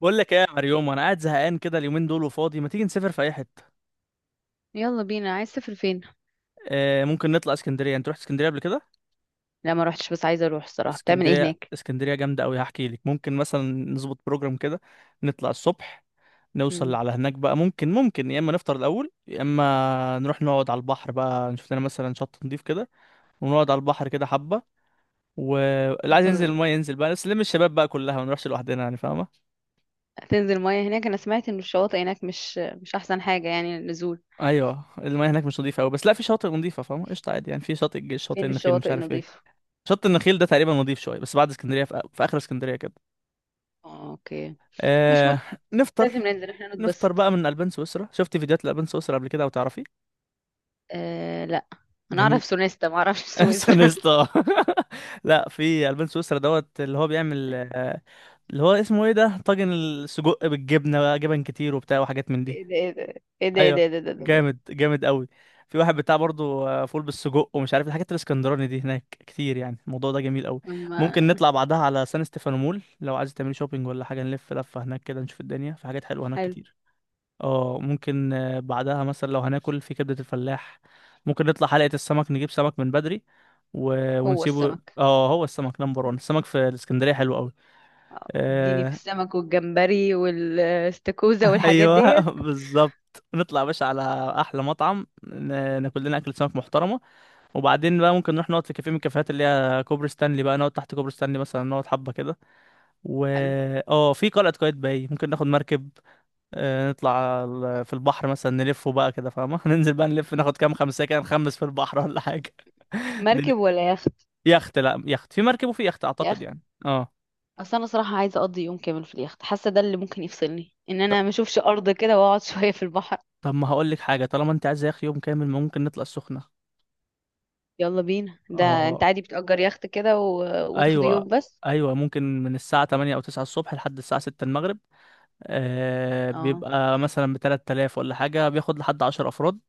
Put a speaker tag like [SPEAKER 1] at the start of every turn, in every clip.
[SPEAKER 1] بقول لك ايه يا مريوم، انا قاعد زهقان كده اليومين دول وفاضي. ما تيجي نسافر في اي حته؟
[SPEAKER 2] يلا بينا، عايز تسافر فين؟
[SPEAKER 1] ممكن نطلع اسكندريه. انت رحت اسكندريه قبل كده؟
[SPEAKER 2] لا ما روحتش بس عايزه اروح الصراحه. بتعمل ايه
[SPEAKER 1] اسكندريه
[SPEAKER 2] هناك؟
[SPEAKER 1] اسكندريه جامده قوي، هحكي لك. ممكن مثلا نظبط بروجرام كده، نطلع الصبح، نوصل
[SPEAKER 2] مم.
[SPEAKER 1] على هناك بقى. ممكن يا اما نفطر الاول، يا اما نروح نقعد على البحر بقى، نشوف لنا مثلا شط نضيف كده، ونقعد على البحر كده حبه، واللي عايز ينزل
[SPEAKER 2] طب
[SPEAKER 1] المايه ينزل بقى. بس نلم الشباب بقى كلها، ما نروحش لوحدنا يعني، فاهمه؟
[SPEAKER 2] تنزل ميه هناك؟ انا سمعت ان الشواطئ هناك مش احسن حاجه يعني للنزول.
[SPEAKER 1] ايوه المايه هناك مش نضيفه قوي، بس لا في شاطئ نضيفه، فاهمه؟ قشطه، عادي يعني. في شاطئ الجيش، شاطئ
[SPEAKER 2] فين
[SPEAKER 1] النخيل، مش
[SPEAKER 2] الشواطئ
[SPEAKER 1] عارف ايه.
[SPEAKER 2] النظيفه؟
[SPEAKER 1] شط النخيل ده تقريبا نضيف شويه، بس بعد اسكندريه، في اخر اسكندريه كده.
[SPEAKER 2] آه، اوكي. مش
[SPEAKER 1] آه. نفطر
[SPEAKER 2] لازم ننزل احنا
[SPEAKER 1] نفطر
[SPEAKER 2] نتبسط.
[SPEAKER 1] بقى من البان سويسرا، شفت فيديوهات الالبان سويسرا قبل كده او تعرفي؟
[SPEAKER 2] آه لا، انا
[SPEAKER 1] جميل.
[SPEAKER 2] اعرف سونيستا ما اعرفش سويسرا.
[SPEAKER 1] سونستا. لا، في البان سويسرا دوت، اللي هو بيعمل اللي هو اسمه ايه ده، طاجن السجق بالجبنه بقى، جبن كتير وبتاع وحاجات من دي.
[SPEAKER 2] ايه ده ايه ده ايه ده
[SPEAKER 1] ايوه.
[SPEAKER 2] ايه ده ايه ده, إيه ده, إيه ده.
[SPEAKER 1] جامد قوي. في واحد بتاع برضه فول بالسجق ومش عارف الحاجات الاسكندراني دي هناك كتير يعني. الموضوع ده جميل قوي. ممكن
[SPEAKER 2] أما
[SPEAKER 1] نطلع بعدها على سان ستيفانو مول لو عايز تعملي شوبينج ولا حاجه، نلف لفه هناك كده، نشوف الدنيا، في حاجات حلوه هناك
[SPEAKER 2] حلو.
[SPEAKER 1] كتير. اه ممكن بعدها مثلا لو هناكل في كبده الفلاح. ممكن نطلع حلقه السمك، نجيب سمك من بدري و...
[SPEAKER 2] هو
[SPEAKER 1] ونسيبه.
[SPEAKER 2] السمك،
[SPEAKER 1] اه هو السمك نمبر 1، السمك في الاسكندريه حلو قوي.
[SPEAKER 2] اديني في السمك والجمبري والاستاكوزا والحاجات
[SPEAKER 1] ايوه
[SPEAKER 2] ديت.
[SPEAKER 1] بالظبط. نطلع يا باشا على احلى مطعم، ناكل لنا اكل سمك محترمه، وبعدين بقى ممكن نروح نقعد في كافيه من الكافيهات اللي هي كوبري ستانلي بقى، نقعد تحت كوبري ستانلي مثلا، نقعد حبه كده و
[SPEAKER 2] حلو.
[SPEAKER 1] اه. في قلعه قايتباي، ممكن ناخد مركب نطلع في البحر مثلا، نلفه بقى كده، فاهمه؟ ننزل بقى نلف، ناخد كام خمسه كده، نخمس في البحر ولا حاجه. دن-
[SPEAKER 2] مركب ولا يخت؟
[SPEAKER 1] يخت؟ لا، يخت في، مركب وفي يخت اعتقد
[SPEAKER 2] يخت.
[SPEAKER 1] يعني. اه.
[SPEAKER 2] اصل انا صراحه عايزه اقضي يوم كامل في اليخت، حاسه ده اللي ممكن يفصلني، ان
[SPEAKER 1] ط-
[SPEAKER 2] انا ما اشوفش ارض كده واقعد شويه في البحر.
[SPEAKER 1] طب ما هقول لك حاجه. طالما انت عايز يا اخي يوم كامل، ممكن نطلع السخنه.
[SPEAKER 2] يلا بينا ده. انت
[SPEAKER 1] اه.
[SPEAKER 2] عادي بتأجر يخت كده و... وتاخده
[SPEAKER 1] ايوه.
[SPEAKER 2] يوم بس؟
[SPEAKER 1] ايوه، ممكن من الساعه 8 او 9 الصبح لحد الساعه 6 المغرب. آه
[SPEAKER 2] اه.
[SPEAKER 1] بيبقى مثلا ب 3000 ولا حاجه، بياخد لحد 10 افراد.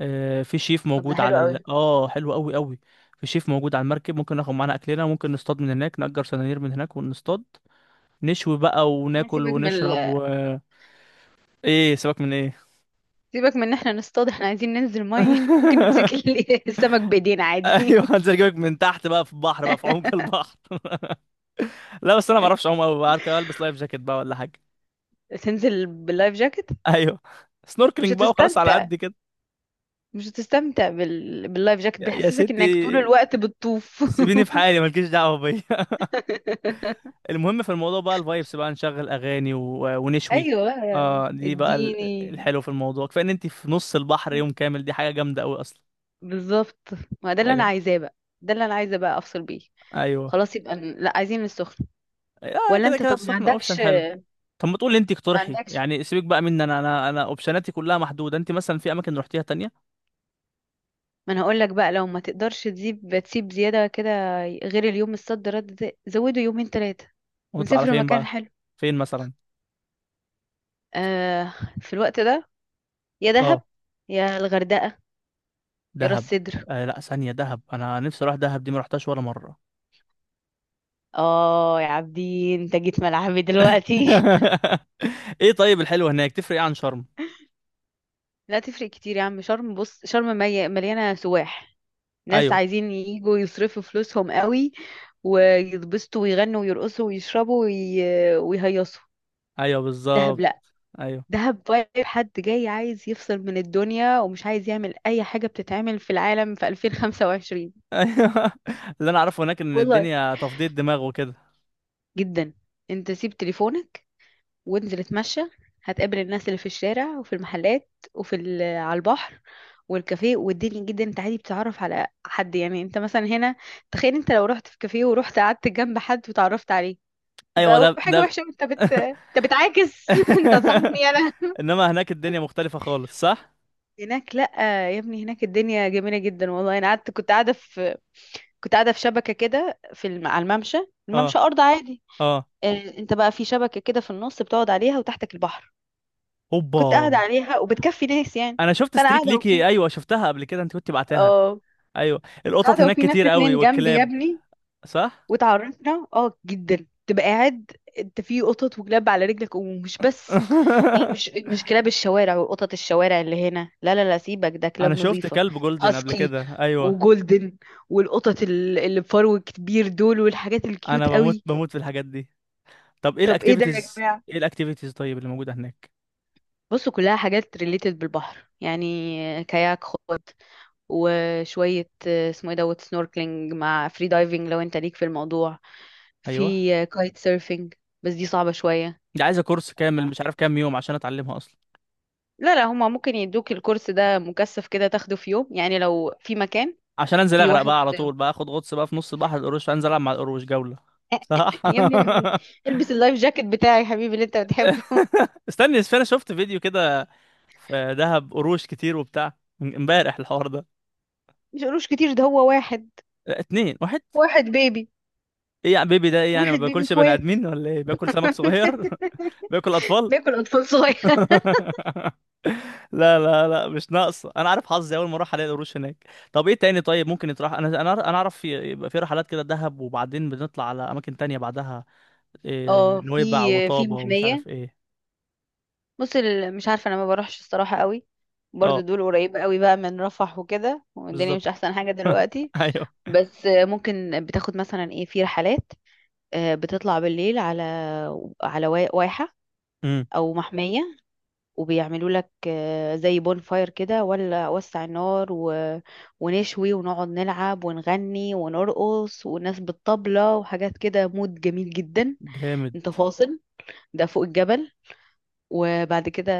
[SPEAKER 1] آه في شيف
[SPEAKER 2] طب ده
[SPEAKER 1] موجود
[SPEAKER 2] حلو
[SPEAKER 1] على
[SPEAKER 2] قوي.
[SPEAKER 1] اه، حلو قوي. في شيف موجود على المركب، ممكن ناخد معانا اكلنا، ممكن نصطاد من هناك، نأجر سنانير من هناك ونصطاد، نشوي بقى وناكل
[SPEAKER 2] سيبك من
[SPEAKER 1] ونشرب
[SPEAKER 2] ال...
[SPEAKER 1] ايه، سيبك من ايه؟
[SPEAKER 2] سيبك من ان احنا نصطاد، احنا عايزين ننزل ميه ممكن نمسك ال- السمك بايدينا عادي.
[SPEAKER 1] ايوه هنزل اجيبك من تحت بقى في البحر بقى، في عمق البحر. لا بس انا ما اعرفش اعوم قوي بقى، البس لايف جاكيت بقى ولا حاجه.
[SPEAKER 2] تنزل باللايف جاكيت؟
[SPEAKER 1] ايوه.
[SPEAKER 2] مش
[SPEAKER 1] سنوركلينج بقى وخلاص، على
[SPEAKER 2] هتستمتع،
[SPEAKER 1] قد كده.
[SPEAKER 2] مش هتستمتع بال... باللايف جاكيت
[SPEAKER 1] يا
[SPEAKER 2] بيحسسك انك طول
[SPEAKER 1] ستي،
[SPEAKER 2] الوقت بتطوف.
[SPEAKER 1] سيبيني في حالي، مالكيش دعوه بيا. المهم في الموضوع بقى الفايبس بقى، نشغل اغاني و ونشوي
[SPEAKER 2] ايوه بقى،
[SPEAKER 1] اه دي بقى
[SPEAKER 2] اديني.
[SPEAKER 1] الحلو في الموضوع، كفايه ان انت في نص البحر يوم كامل، دي حاجه جامده قوي اصلا.
[SPEAKER 2] بالظبط، ما ده اللي انا
[SPEAKER 1] ايوه.
[SPEAKER 2] عايزاه بقى. ده اللي انا عايزه بقى افصل بيه.
[SPEAKER 1] ايوه.
[SPEAKER 2] خلاص يبقى ن- لا، عايزين السخن.
[SPEAKER 1] اه
[SPEAKER 2] ولا
[SPEAKER 1] كده
[SPEAKER 2] انت
[SPEAKER 1] كده
[SPEAKER 2] طب ما
[SPEAKER 1] السخنه اوبشن
[SPEAKER 2] عندكش؟
[SPEAKER 1] حلو. طب ما تقولي انت،
[SPEAKER 2] ما
[SPEAKER 1] اقترحي
[SPEAKER 2] عندكش
[SPEAKER 1] يعني، سيبك بقى مني، انا اوبشناتي كلها محدوده، انت مثلا في اماكن رحتيها تانية.
[SPEAKER 2] ما انا هقول لك بقى، لو ما تقدرش تسيب زياده كده. غير اليوم الصد رد ده زوده يومين ثلاثه.
[SPEAKER 1] ونطلع على
[SPEAKER 2] ونسافر
[SPEAKER 1] فين
[SPEAKER 2] مكان
[SPEAKER 1] بقى؟
[SPEAKER 2] حلو.
[SPEAKER 1] فين مثلا؟
[SPEAKER 2] آه، في الوقت ده، يا
[SPEAKER 1] اه.
[SPEAKER 2] دهب يا الغردقه يا راس
[SPEAKER 1] دهب.
[SPEAKER 2] سدر.
[SPEAKER 1] آه لا، ثانيه، دهب انا نفسي اروح دهب دي، ما رحتهاش ولا مره.
[SPEAKER 2] اه يا عابدين، انت جيت ملعبي دلوقتي.
[SPEAKER 1] ايه طيب، الحلوة هناك تفرق ايه عن شرم؟
[SPEAKER 2] لا تفرق كتير يا عم. شرم بص، شرم مي- مليانه سواح، ناس
[SPEAKER 1] ايوه.
[SPEAKER 2] عايزين يجوا يصرفوا فلوسهم قوي ويتبسطوا ويغنوا ويرقصوا ويشربوا وي... ويهيصوا.
[SPEAKER 1] ايوه
[SPEAKER 2] دهب
[SPEAKER 1] بالظبط.
[SPEAKER 2] لا،
[SPEAKER 1] ايوه.
[SPEAKER 2] دهب فايب حد جاي عايز يفصل من الدنيا ومش عايز يعمل اي حاجة بتتعمل في العالم في 2025.
[SPEAKER 1] ايوه اللي انا اعرفه هناك ان
[SPEAKER 2] والله
[SPEAKER 1] الدنيا تفضية دماغ وكده.
[SPEAKER 2] جدا. انت سيب تليفونك وانزل اتمشى، هتقابل الناس اللي في الشارع وفي المحلات وفي ال- على البحر والكافيه. والدنيا جدا انت عادي بتتعرف على حد. يعني انت مثلا هنا، تخيل انت لو رحت في كافيه ورحت قعدت جنب حد وتعرفت عليه،
[SPEAKER 1] ايوه.
[SPEAKER 2] يبقى
[SPEAKER 1] ده
[SPEAKER 2] حاجة
[SPEAKER 1] ده
[SPEAKER 2] وحشة. انت بت انت بتعاكس انت صاحبني انا؟
[SPEAKER 1] انما هناك الدنيا مختلفة خالص، صح؟
[SPEAKER 2] هناك لا، يا ابني هناك الدنيا جميلة جدا والله. انا قعدت، كنت قاعدة في شبكة كده في الم... على الممشى.
[SPEAKER 1] اه.
[SPEAKER 2] الممشى ارض عادي.
[SPEAKER 1] اه.
[SPEAKER 2] آه، انت بقى في شبكة كده في النص بتقعد عليها وتحتك البحر. كنت قاعدة
[SPEAKER 1] اوبا.
[SPEAKER 2] عليها وبتكفي ناس يعني.
[SPEAKER 1] انا شفت
[SPEAKER 2] فانا
[SPEAKER 1] ستريك
[SPEAKER 2] قاعدة
[SPEAKER 1] ليكي،
[SPEAKER 2] وفي،
[SPEAKER 1] ايوه شفتها قبل كده انت كنت بعتها.
[SPEAKER 2] اه
[SPEAKER 1] ايوه،
[SPEAKER 2] كنت
[SPEAKER 1] القطط
[SPEAKER 2] قاعدة
[SPEAKER 1] هناك
[SPEAKER 2] وفي ناس
[SPEAKER 1] كتير قوي
[SPEAKER 2] اتنين جنبي يا
[SPEAKER 1] والكلاب.
[SPEAKER 2] ابني
[SPEAKER 1] صح.
[SPEAKER 2] وتعرفنا. اه جدا، تبقى قاعد انت في قطط وكلاب على رجلك، ومش بس يعني، مش مش كلاب الشوارع وقطط الشوارع اللي هنا، لا لا لا سيبك، ده
[SPEAKER 1] انا
[SPEAKER 2] كلاب
[SPEAKER 1] شفت
[SPEAKER 2] نظيفة.
[SPEAKER 1] كلب جولدن قبل
[SPEAKER 2] هاسكي
[SPEAKER 1] كده، ايوه.
[SPEAKER 2] وجولدن، والقطط ال- اللي بفرو كبير دول، والحاجات
[SPEAKER 1] انا
[SPEAKER 2] الكيوت
[SPEAKER 1] بموت
[SPEAKER 2] قوي.
[SPEAKER 1] بموت في الحاجات دي. طب ايه
[SPEAKER 2] طب ايه ده يا
[SPEAKER 1] الاكتيفيتيز؟
[SPEAKER 2] جماعة؟
[SPEAKER 1] ايه الاكتيفيتيز طيب اللي موجوده هناك؟
[SPEAKER 2] بصوا كلها حاجات ريليتد بالبحر، يعني كاياك خد وشوية اسمه ايه دوت سنوركلينج مع فري دايفنج لو انت ليك في الموضوع.
[SPEAKER 1] ايوه.
[SPEAKER 2] في كايت سيرفينج بس دي صعبة شوية.
[SPEAKER 1] دي عايزه كورس كامل،
[SPEAKER 2] آه.
[SPEAKER 1] مش عارف كام يوم عشان اتعلمها اصلا.
[SPEAKER 2] لا لا، هما ممكن يدوك الكورس ده مكثف كده، تاخده في يوم يعني لو في مكان.
[SPEAKER 1] عشان انزل
[SPEAKER 2] في
[SPEAKER 1] اغرق
[SPEAKER 2] واحد
[SPEAKER 1] بقى على طول بقى، اخد غطس بقى في نص بحر القروش، انزل العب مع القروش جوله. صح.
[SPEAKER 2] يا ابني، لا، ما انت- البس اللايف جاكيت بتاعي يا حبيبي اللي انت بتحبه.
[SPEAKER 1] استني بس، انا شفت فيديو كده، في دهب قروش كتير وبتاع، من امبارح الحوار ده.
[SPEAKER 2] مش قروش كتير، ده هو واحد.
[SPEAKER 1] لا، اتنين، واحد.
[SPEAKER 2] واحد بيبي.
[SPEAKER 1] ايه يا بيبي ده ايه يعني، ما
[SPEAKER 2] واحد بيبي
[SPEAKER 1] باكلش بني
[SPEAKER 2] اخوات.
[SPEAKER 1] ادمين ولا ايه، باكل سمك صغير؟ باكل اطفال.
[SPEAKER 2] بياكل اطفال صغير.
[SPEAKER 1] لا، مش ناقصه، انا عارف حظي اول ما اروح الاقي القروش هناك. طب ايه تاني طيب، ممكن يتراح. انا اعرف يبقى في رحلات كده دهب، وبعدين بنطلع على اماكن تانية بعدها، إيه
[SPEAKER 2] اه،
[SPEAKER 1] نويبع
[SPEAKER 2] في، في
[SPEAKER 1] وطابة ومش
[SPEAKER 2] محمية.
[SPEAKER 1] عارف ايه.
[SPEAKER 2] بص ال- مش عارفة، انا ما بروحش الصراحة قوي. برضو
[SPEAKER 1] اه
[SPEAKER 2] دول قريبة قوي بقى من رفح وكده، والدنيا مش
[SPEAKER 1] بالظبط.
[SPEAKER 2] احسن حاجة دلوقتي.
[SPEAKER 1] ايوه.
[SPEAKER 2] بس ممكن بتاخد مثلا ايه، في رحلات بتطلع بالليل على، واحة
[SPEAKER 1] امم
[SPEAKER 2] او محمية. وبيعملوا لك زي بون فاير كده، ولا وسع النار و... ونشوي ونقعد نلعب ونغني ونرقص والناس بالطبلة وحاجات كده، مود جميل جدا.
[SPEAKER 1] جامد.
[SPEAKER 2] انت فاصل. ده فوق الجبل، وبعد كده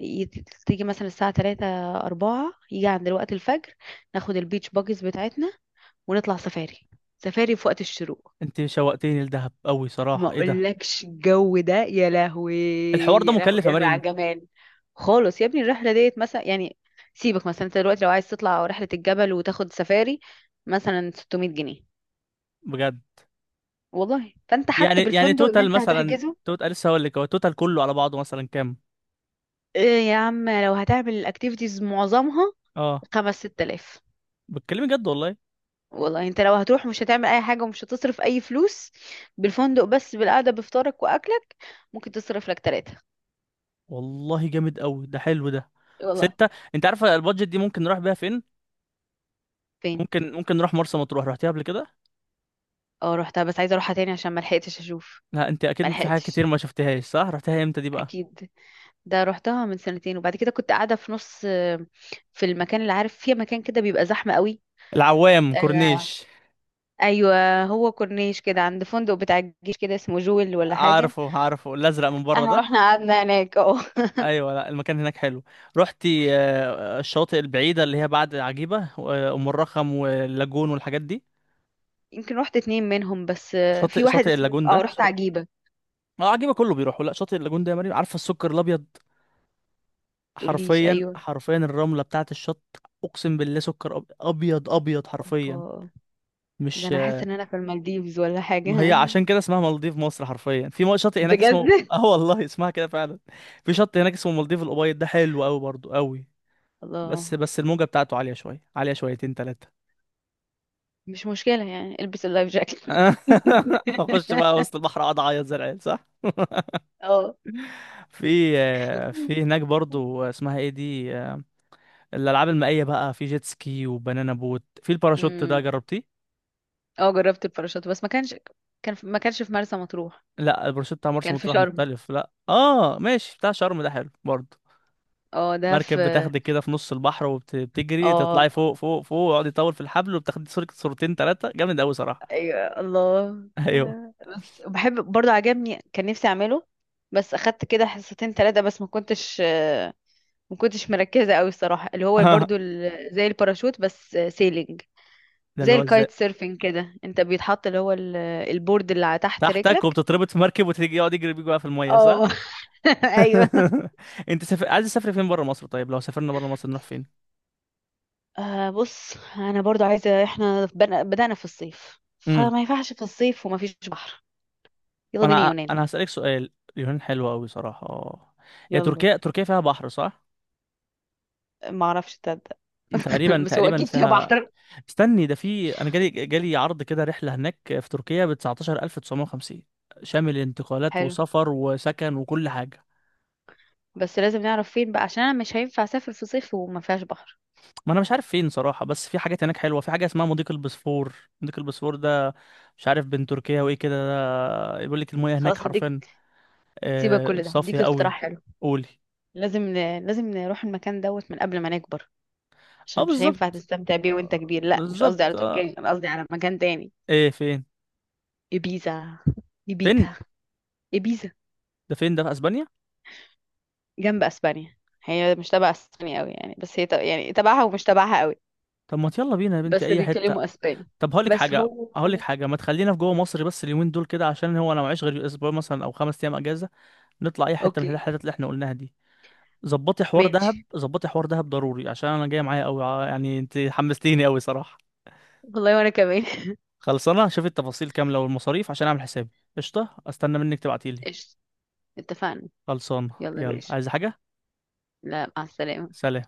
[SPEAKER 2] يت- تيجي مثلا الساعة 3، 4، يجي عند وقت الفجر ناخد البيتش باجز بتاعتنا ونطلع سفاري، سفاري في وقت الشروق.
[SPEAKER 1] انت شوقتيني لدهب قوي
[SPEAKER 2] ما
[SPEAKER 1] صراحه، ايه ده.
[SPEAKER 2] اقولكش الجو ده. يا لهوي،
[SPEAKER 1] الحوار ده
[SPEAKER 2] يا لهوي،
[SPEAKER 1] مكلف يا
[SPEAKER 2] يا لهوي على
[SPEAKER 1] مريم؟
[SPEAKER 2] الجمال. خالص يا ابني. الرحله ديت مثلا يعني سيبك، مثلا انت دلوقتي لو عايز تطلع رحله الجبل وتاخد سفاري، مثلا 600 جنيه
[SPEAKER 1] بجد؟
[SPEAKER 2] والله. فانت حتى
[SPEAKER 1] يعني يعني
[SPEAKER 2] بالفندق اللي
[SPEAKER 1] توتال
[SPEAKER 2] انت
[SPEAKER 1] مثلا،
[SPEAKER 2] هتحجزه،
[SPEAKER 1] توتال لسه هقول لك، هو توتال كله على بعضه مثلا كام؟
[SPEAKER 2] إيه يا عم، لو هتعمل الاكتيفيتيز معظمها،
[SPEAKER 1] اه.
[SPEAKER 2] خمس ست آلاف.
[SPEAKER 1] بتكلمي جد والله؟
[SPEAKER 2] والله انت لو هتروح مش هتعمل اي حاجه ومش هتصرف اي فلوس، بالفندق بس بالقعده بفطارك واكلك، ممكن تصرف لك تلاتة.
[SPEAKER 1] والله جامد قوي، ده حلو ده.
[SPEAKER 2] والله.
[SPEAKER 1] ستة. انت عارفه البادجت دي ممكن نروح بيها فين؟
[SPEAKER 2] فين؟
[SPEAKER 1] ممكن، ممكن نروح مرسى مطروح، رحتيها قبل كده؟
[SPEAKER 2] اه رحتها بس عايزه اروحها تاني عشان ما لحقتش اشوف.
[SPEAKER 1] لا انت
[SPEAKER 2] ما
[SPEAKER 1] اكيد في حاجات
[SPEAKER 2] لحقتش.
[SPEAKER 1] كتير ما شفتهاش، صح؟ رحتيها امتى دي بقى؟
[SPEAKER 2] اكيد. ده روحتها من سنتين، وبعد كده كنت قاعده في نص، في المكان اللي عارف فيه، مكان كده بيبقى زحمه قوي.
[SPEAKER 1] العوام،
[SPEAKER 2] آه.
[SPEAKER 1] كورنيش؟
[SPEAKER 2] ايوه هو كورنيش كده، عند فندق بتاع الجيش كده اسمه جويل ولا حاجه.
[SPEAKER 1] عارفه، عارفه الازرق من بره
[SPEAKER 2] احنا
[SPEAKER 1] ده؟
[SPEAKER 2] رحنا قعدنا هناك اه.
[SPEAKER 1] ايوه، لا المكان هناك حلو. رحتي الشواطئ البعيده اللي هي بعد عجيبه وام الرخم واللاجون والحاجات دي؟
[SPEAKER 2] يمكن رحت اتنين منهم بس،
[SPEAKER 1] شاطئ
[SPEAKER 2] في واحد
[SPEAKER 1] شاطئ
[SPEAKER 2] اسمه
[SPEAKER 1] اللاجون ده
[SPEAKER 2] اه، رحت عجيبه.
[SPEAKER 1] اه عجيبه كله بيروحوا. لا شاطئ اللاجون ده يا مريم، عارفه السكر الابيض؟
[SPEAKER 2] تقوليش؟
[SPEAKER 1] حرفيا،
[SPEAKER 2] ايوه.
[SPEAKER 1] حرفيا الرمله بتاعه الشط، اقسم بالله سكر، ابيض ابيض حرفيا،
[SPEAKER 2] اوبا. ده
[SPEAKER 1] مش...
[SPEAKER 2] انا حاسه ان انا في المالديفز ولا
[SPEAKER 1] ما هي
[SPEAKER 2] حاجه.
[SPEAKER 1] عشان كده اسمها مالديف مصر، حرفيا في شاطئ هناك
[SPEAKER 2] بجد.
[SPEAKER 1] اسمه اه والله اسمها كده فعلا. في شط هناك اسمه مالديف الأبيض، ده حلو قوي برضو قوي.
[SPEAKER 2] الله.
[SPEAKER 1] بس بس الموجة بتاعته عالية شوية، عالية شويتين تلاتة.
[SPEAKER 2] مش مشكله يعني، البس اللايف جاكيت.
[SPEAKER 1] هخش بقى وسط البحر اقعد اعيط زي العيال، صح؟ في في هناك برضو اسمها ايه دي، الالعاب المائية بقى، في جيت سكي وبنانا بوت، في الباراشوت ده،
[SPEAKER 2] اه.
[SPEAKER 1] جربتيه؟
[SPEAKER 2] اه جربت الباراشوت بس ما كانش، كان في... ما كانش في مرسى مطروح.
[SPEAKER 1] لا الباراشوت بتاع مرسى
[SPEAKER 2] كان في
[SPEAKER 1] مطروح
[SPEAKER 2] شرم.
[SPEAKER 1] مختلف، لا اه ماشي، بتاع شرم ده حلو برضو.
[SPEAKER 2] اه ده
[SPEAKER 1] مركب
[SPEAKER 2] في.
[SPEAKER 1] بتاخدك كده في نص البحر، وبتجري تطلعي
[SPEAKER 2] اه
[SPEAKER 1] فوق فوق فوق، ويقعد يطول في الحبل، وبتاخدي صورة صورتين ثلاثة، جامد قوي صراحة.
[SPEAKER 2] ايوه الله.
[SPEAKER 1] ايوه.
[SPEAKER 2] بحب برضو، عجبني، كان نفسي اعمله. بس اخدت كده حصتين ثلاثة بس ما كنتش ما كنتش مركزة قوي الصراحة. اللي هو برضو ال- زي الباراشوت بس سيلينج،
[SPEAKER 1] ده اللي
[SPEAKER 2] زي
[SPEAKER 1] هو ازاي؟
[SPEAKER 2] الكايت سيرفينج كده، انت بيتحط اللي هو ال- البورد اللي على تحت
[SPEAKER 1] تحتك
[SPEAKER 2] رجلك.
[SPEAKER 1] وبتتربط في مركب، وتيجي يقعد يجري بيك بقى في المية، صح؟
[SPEAKER 2] اه. ايوه.
[SPEAKER 1] عايز تسافري فين بره مصر؟ طيب لو سافرنا بره مصر نروح فين؟
[SPEAKER 2] آه بص، انا برضو عايزه احنا بن- بدأنا في الصيف
[SPEAKER 1] امم
[SPEAKER 2] فما ينفعش في الصيف وما فيش بحر. يلا بينا
[SPEAKER 1] انا
[SPEAKER 2] يونان.
[SPEAKER 1] انا هسألك سؤال. اليونان حلوة قوي صراحة. هي
[SPEAKER 2] يلا.
[SPEAKER 1] تركيا، تركيا فيها بحر، صح؟
[SPEAKER 2] ما اعرفش، تصدق.
[SPEAKER 1] تقريبا،
[SPEAKER 2] بس هو
[SPEAKER 1] تقريبا
[SPEAKER 2] اكيد فيها
[SPEAKER 1] فيها.
[SPEAKER 2] بحر.
[SPEAKER 1] استني، ده في، انا جالي عرض كده رحله هناك في تركيا ب 19950، شامل انتقالات
[SPEAKER 2] حلو،
[SPEAKER 1] وسفر وسكن وكل حاجه.
[SPEAKER 2] بس لازم نعرف فين بقى، عشان انا مش هينفع اسافر في صيف وما فيهاش بحر.
[SPEAKER 1] ما انا مش عارف فين صراحه، بس في حاجات هناك حلوه، في حاجه اسمها مضيق البسفور. مضيق البسفور ده مش عارف بين تركيا وايه كده، ده بيقول لك المياه هناك
[SPEAKER 2] خلاص هديك.
[SPEAKER 1] حرفيا
[SPEAKER 2] سيبك كل ده،
[SPEAKER 1] صافيه
[SPEAKER 2] هديك
[SPEAKER 1] قوي.
[SPEAKER 2] اقتراح حلو.
[SPEAKER 1] قولي.
[SPEAKER 2] لازم ن... لازم نروح المكان دوت من قبل ما نكبر،
[SPEAKER 1] اه
[SPEAKER 2] عشان مش هينفع
[SPEAKER 1] بالظبط
[SPEAKER 2] تستمتع بيه وانت كبير. لا مش قصدي
[SPEAKER 1] بالظبط
[SPEAKER 2] على تركيا، انا قصدي على مكان تاني.
[SPEAKER 1] ايه فين؟
[SPEAKER 2] ابيزا.
[SPEAKER 1] فين؟
[SPEAKER 2] ابيتا. ابيزا.
[SPEAKER 1] ده فين، ده في اسبانيا؟
[SPEAKER 2] جنب اسبانيا. هي مش تبع اسبانيا قوي يعني، بس هي تب... يعني تبعها ومش تبعها قوي.
[SPEAKER 1] طب ما يلا بينا يا بنتي،
[SPEAKER 2] بس
[SPEAKER 1] اي حته.
[SPEAKER 2] بيتكلموا اسباني.
[SPEAKER 1] طب هقول لك
[SPEAKER 2] بس
[SPEAKER 1] حاجه،
[SPEAKER 2] هو،
[SPEAKER 1] هقول لك حاجه، ما تخلينا في جوه مصر بس اليومين دول كده، عشان هو انا معيش غير اسبوع مثلا او 5 ايام اجازه. نطلع اي حته من
[SPEAKER 2] اوكي،
[SPEAKER 1] الحتت اللي احنا قلناها دي. ظبطي حوار دهب،
[SPEAKER 2] ماشي.
[SPEAKER 1] ظبطي حوار دهب ضروري عشان انا جاي معايا قوي يعني، انت حمستيني قوي صراحه.
[SPEAKER 2] والله وانا كمان.
[SPEAKER 1] خلصانه، شوفي التفاصيل كامله والمصاريف عشان اعمل حسابي. قشطه، استنى منك تبعتيلي.
[SPEAKER 2] قشطة. اتفقنا.
[SPEAKER 1] خلصانه.
[SPEAKER 2] يلا يا
[SPEAKER 1] يلا،
[SPEAKER 2] باشا.
[SPEAKER 1] عايزه حاجه؟
[SPEAKER 2] لا، مع السلامة.
[SPEAKER 1] سلام.